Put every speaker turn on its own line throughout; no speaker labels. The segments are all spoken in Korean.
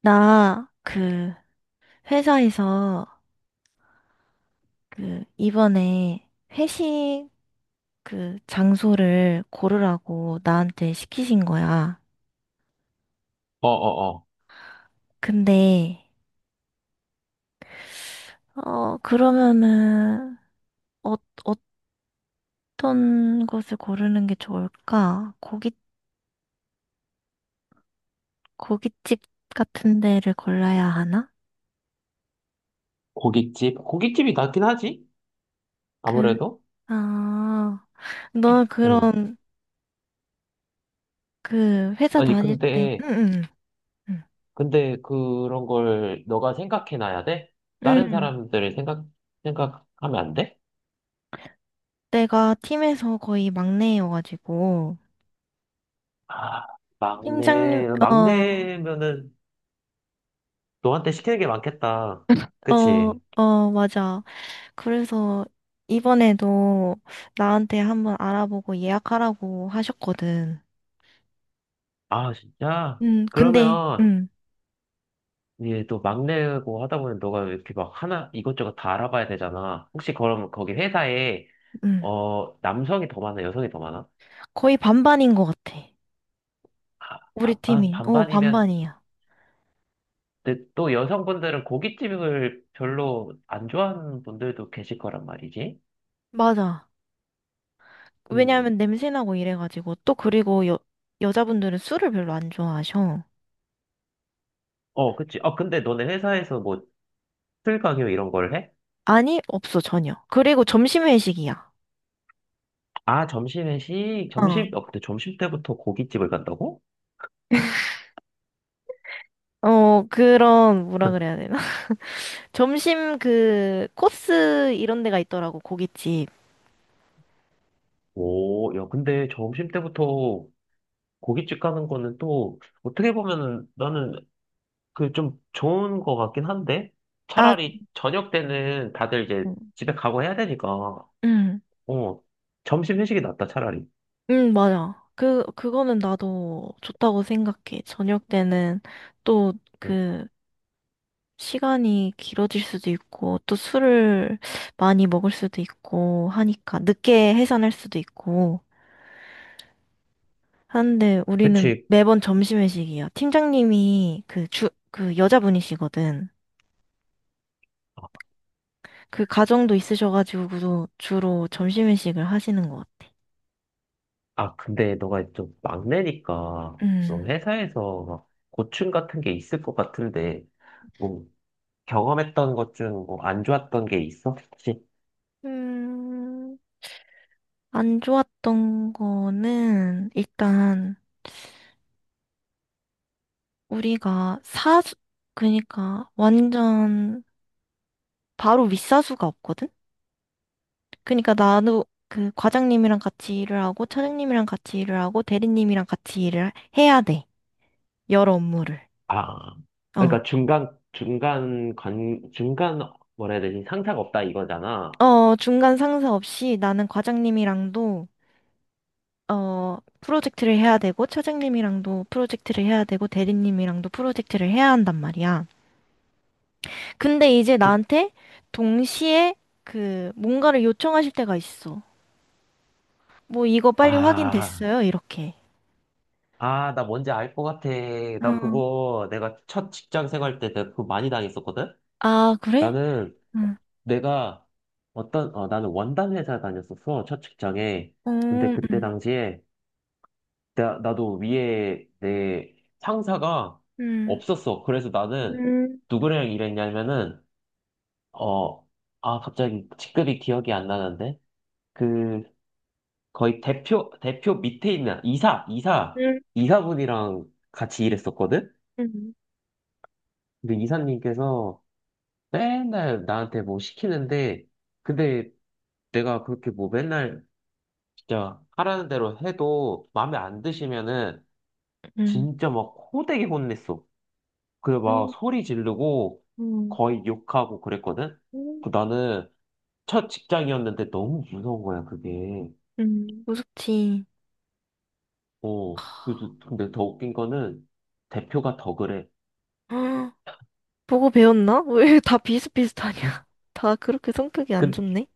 나, 회사에서, 이번에 회식, 장소를 고르라고 나한테 시키신 거야.
어어어.
근데, 그러면은, 어, 어떤 것을 고르는 게 좋을까? 고깃집 같은 데를 골라야 하나?
고깃집? 고깃집이 낫긴 하지?
그,
아무래도?
아, 너
응.
그런, 회사
아니,
다닐 때,
근데,
응, 응, 응.
근데 그런 걸 너가 생각해놔야 돼?
응,
다른
응.
사람들을 생각하면 안 돼?
내가 팀에서 거의 막내여가지고,
아,
팀장님,
막내,
어,
막내면은 너한테 시키는 게 많겠다.
어,
그치?
맞아. 그래서 이번에도 나한테 한번 알아보고 예약하라고 하셨거든.
아, 진짜?
근데,
그러면, 이제 또 막내고 하다 보면 너가 이렇게 막 하나, 이것저것 다 알아봐야 되잖아. 혹시 그럼 거기 회사에,
음,
어, 남성이 더 많아, 여성이 더 많아?
거의 반반인 것 같아. 우리
반반,
팀이.
반반이면,
반반이야.
근데 또 여성분들은 고깃집을 별로 안 좋아하는 분들도 계실 거란 말이지.
맞아.
음.
왜냐하면 냄새나고 이래가지고. 또 그리고 여자분들은 술을 별로 안 좋아하셔.
어, 그치. 아, 근데 너네 회사에서 뭐, 술 강요 이런 걸 해?
아니, 없어, 전혀. 그리고 점심 회식이야.
아, 점심 회식?
어,
점심, 어, 근데 점심 때부터 고깃집을 간다고?
그런, 뭐라 그래야 되나? 점심 그 코스 이런 데가 있더라고 고깃집.
오, 야, 근데 점심 때부터 고깃집 가는 거는 또, 어떻게 보면은 나는 그 좀 좋은 거 같긴 한데?
아,
차라리 저녁 때는 다들 이제
음.
집에 가고 해야 되니까,
응,
어, 점심 회식이 낫다, 차라리.
응, 맞아. 그거는 나도 좋다고 생각해. 저녁 때는 또 그 시간이 길어질 수도 있고, 또 술을 많이 먹을 수도 있고 하니까, 늦게 해산할 수도 있고 하는데 우리는
그치.
매번 점심 회식이야. 팀장님이 그 여자분이시거든.
아,
그 가정도 있으셔가지고 주로 점심 회식을 하시는 것 같아.
아, 근데 너가 좀 막내니까,
음.
너 회사에서 막 고충 같은 게 있을 것 같은데, 뭐, 경험했던 것 중 뭐 안 좋았던 게 있어? 혹시?
음, 안 좋았던 거는 일단 우리가 사수, 그러니까 완전 바로 윗사수가 없거든? 그러니까 나도 그 과장님이랑 같이 일을 하고 차장님이랑 같이 일을 하고 대리님이랑 같이 일을 해야 돼. 여러 업무를.
아,
어.
그러니까 중간, 뭐라 해야 되지? 상사가 없다 이거잖아.
중간 상사 없이 나는 과장님이랑도 프로젝트를 해야 되고 차장님이랑도 프로젝트를 해야 되고 대리님이랑도 프로젝트를 해야 한단 말이야. 근데 이제
그,
나한테 동시에 그 뭔가를 요청하실 때가 있어. 뭐 이거 빨리
아,
확인됐어요? 이렇게.
아, 나 뭔지 알 것 같아. 나
응,
그거 내가 첫 직장 생활 때 내가 그거 많이 당했었거든?
아, 그래?
나는
응,
내가 어떤, 어, 나는 원단 회사 다녔었어, 첫 직장에.
어,
근데 그때 당시에 나도 위에 내 상사가
음,
없었어. 그래서
음,
나는
음,
누구랑 일했냐면은, 어, 아, 갑자기 직급이 기억이 안 나는데? 그, 거의 대표 밑에 있는
음,
이사분이랑 같이 일했었거든?
음,
근데 이사님께서 맨날 나한테 뭐 시키는데, 근데 내가 그렇게 뭐 맨날 진짜 하라는 대로 해도 마음에 안 드시면은
음,
진짜 막 호되게 혼냈어. 그래고막 소리 지르고
음,
거의 욕하고 그랬거든?
음.
그 나는 첫 직장이었는데 너무 무서운 거야, 그게.
음. 무섭지.
어. 그래서 근데 더 웃긴 거는 대표가 더 그래.
헉, 보고 배웠나? 왜 다 비슷비슷하냐? 다 그렇게 성격이 안
근데
좋네?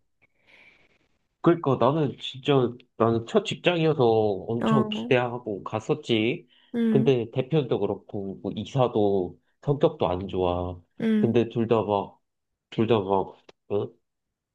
그러니까 나는 진짜 나는 첫 직장이어서 엄청
어,
기대하고 갔었지.
음,
근데 대표도 그렇고 뭐 이사도 성격도 안 좋아.
음,
근데 둘 다 막, 어?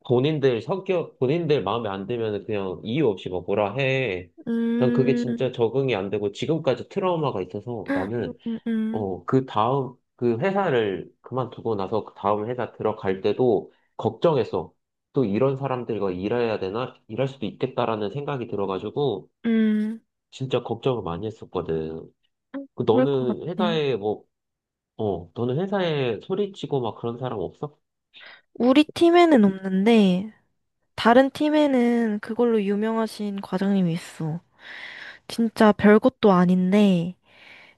본인들 마음에 안 들면 그냥 이유 없이 막 뭐라 해. 난 그게
음,
진짜 적응이 안 되고 지금까지 트라우마가 있어서
음,
나는
음, 음,
어, 그 회사를 그만두고 나서 그 다음 회사 들어갈 때도 걱정했어. 또 이런 사람들과 일해야 되나? 일할 수도 있겠다라는 생각이 들어가지고
음.
진짜 걱정을 많이 했었거든. 그
그럴 것
너는
같아.
회사에 뭐, 어, 너는 회사에 소리치고 막 그런 사람 없어?
우리 팀에는 없는데, 다른 팀에는 그걸로 유명하신 과장님이 있어. 진짜 별것도 아닌데,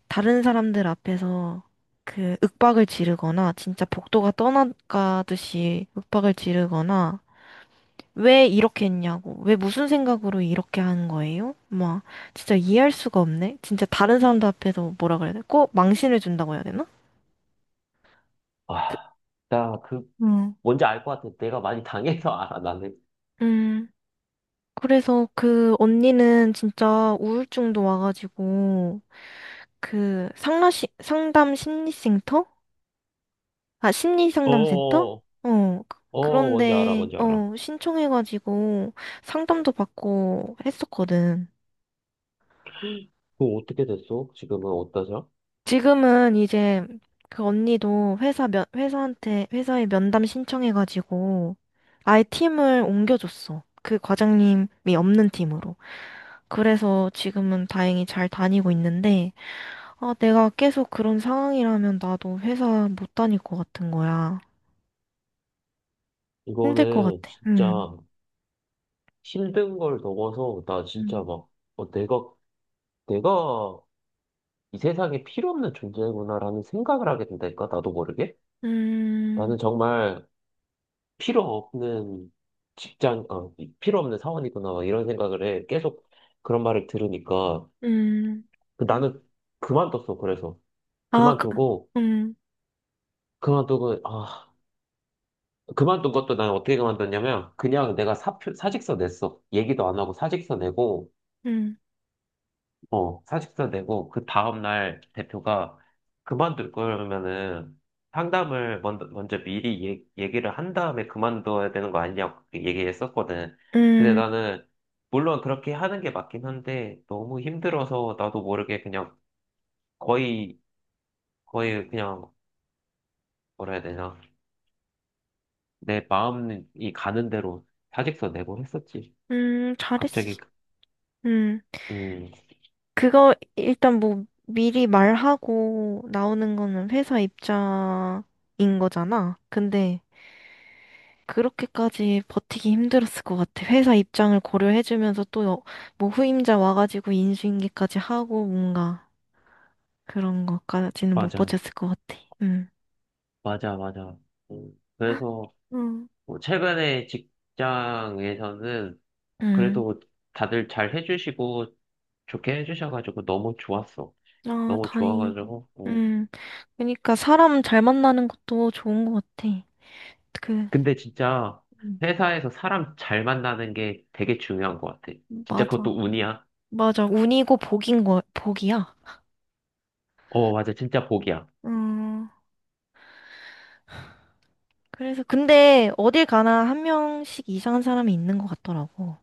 다른 사람들 앞에서 그 윽박을 지르거나, 진짜 복도가 떠나가듯이 윽박을 지르거나, 왜 이렇게 했냐고, 왜 무슨 생각으로 이렇게 하는 거예요? 막, 진짜 이해할 수가 없네? 진짜 다른 사람들 앞에서 뭐라 그래야 돼? 꼭 망신을 준다고 해야 되나?
아, 나 그,
응.
뭔지 알 것 같아. 내가 많이 당해서 알아, 나는.
음, 음, 그래서 그 언니는 진짜 우울증도 와가지고 그 상담 심리센터? 아,
어,
심리상담센터?
어,
그-
어, 뭔지 알아,
그런데
뭔지 알아.
신청해가지고 상담도 받고 했었거든.
그거 어떻게 됐어? 지금은 어떠셔?
지금은 이제 그 언니도 회사에 면담 신청해가지고 아예 팀을 옮겨줬어. 그 과장님이 없는 팀으로. 그래서 지금은 다행히 잘 다니고 있는데, 아, 내가 계속 그런 상황이라면 나도 회사 못 다닐 것 같은 거야. 힘들 것
이거는
같아. 음.
진짜 힘든 걸 넘어서 나 진짜
음.
막 어, 내가 이 세상에 필요 없는 존재구나라는 생각을 하게 된다니까 나도 모르게
음.
나는 정말 필요 없는 직장 필요 없는 사원이구나 막 이런 생각을 해 계속 그런 말을 들으니까
음.
그 나는 그만뒀어. 그래서
아,
그만두고
음.
그만두고 아 그만둔 것도 난 어떻게 그만뒀냐면 그냥 내가 사표 사직서 냈어. 얘기도 안 하고 사직서 내고
음.
어, 사직서 내고, 그 다음날 대표가 그만둘 거면은 상담을 먼저 미리 얘기를 한 다음에 그만둬야 되는 거 아니냐고 그렇게 얘기했었거든. 근데
음.
나는, 물론 그렇게 하는 게 맞긴 한데, 너무 힘들어서 나도 모르게 그냥 거의, 거의 그냥, 뭐라 해야 되나. 내 마음이 가는 대로 사직서 내고 했었지.
음.
갑자기,
잘했어.
그,
음.
음,
그거 일단 뭐 미리 말하고 나오는 거는 회사 입장인 거잖아. 근데 그렇게까지 버티기 힘들었을 것 같아. 회사 입장을 고려해주면서 또 뭐 후임자 와가지고 인수인계까지 하고 뭔가 그런 것까지는 못
맞아,
버텼을 것 같아. 음.
맞아, 맞아. 그래서,
응.
뭐 최근에 직장에서는
음.
그래도 다들 잘 해주시고 좋게 해주셔가지고 너무 좋았어.
아,
너무
다행이다.
좋아가지고. 어.
음. 그러니까 사람 잘 만나는 것도 좋은 것 같아. 그,
근데 진짜
음,
회사에서 사람 잘 만나는 게 되게 중요한 것 같아. 진짜
맞아.
그것도 운이야.
맞아. 운이고 복인 거, 복이야.
어, 맞아. 진짜 복이야.
음, 그래서, 근데 어딜 가나 한 명씩 이상한 사람이 있는 것 같더라고.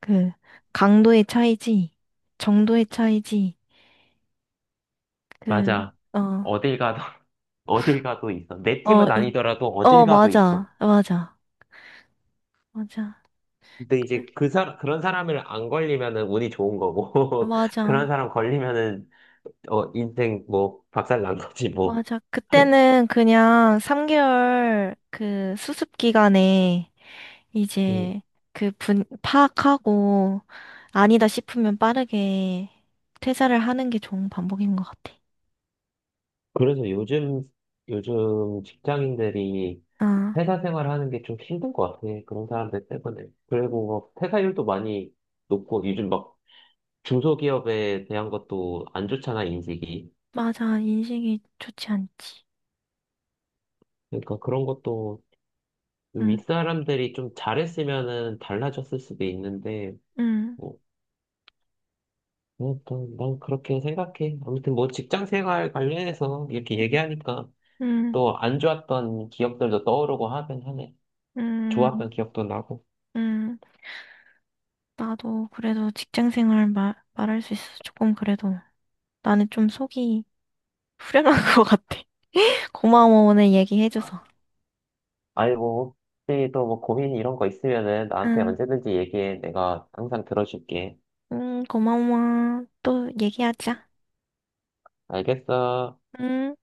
그, 강도의 차이지, 정도의 차이지, 그,
맞아.
어,
어딜 가도, 어딜 가도 있어. 내
어,
팀은
이,
아니더라도 어딜 가도 있어.
맞아, 맞아, 맞아,
근데
그래,
이제 그런 사람을 안 걸리면은 운이 좋은 거고, 그런
맞아,
사람 걸리면은 어, 인생 뭐 박살 난 거지 뭐.
맞아. 그때는 그냥 3개월 그 수습 기간에
음,
이제 그 분, 파악하고 아니다 싶으면 빠르게 퇴사를 하는 게 좋은 방법인 것 같아.
그래서 요즘 직장인들이
어.
회사 생활하는 게 좀 힘든 것 같아. 그런 사람들 때문에. 그리고 뭐 퇴사율도 많이 높고 요즘 막 중소기업에 대한 것도 안 좋잖아 인식이.
맞아, 인식이 좋지 않지.
그러니까 그런 것도
응,
윗사람들이 좀 잘했으면은 달라졌을 수도 있는데
응,
뭐. 아무튼 난 그렇게 생각해. 아무튼 뭐 직장 생활 관련해서 이렇게 얘기하니까
응,
또 안 좋았던 기억들도 떠오르고 하긴 하네.
응,
좋았던 기억도 나고.
응. 나도 그래도 직장 생활 말할 수 있어서 조금 그래도 나는 좀 속이 후련한 것 같아. 고마워, 오늘 얘기해줘서.
아니, 뭐, 혹시 또 뭐 고민 이런 거 있으면은 나한테
응,
언제든지 얘기해. 내가 항상 들어줄게.
응, 고마워. 또 얘기하자.
알겠어.
응.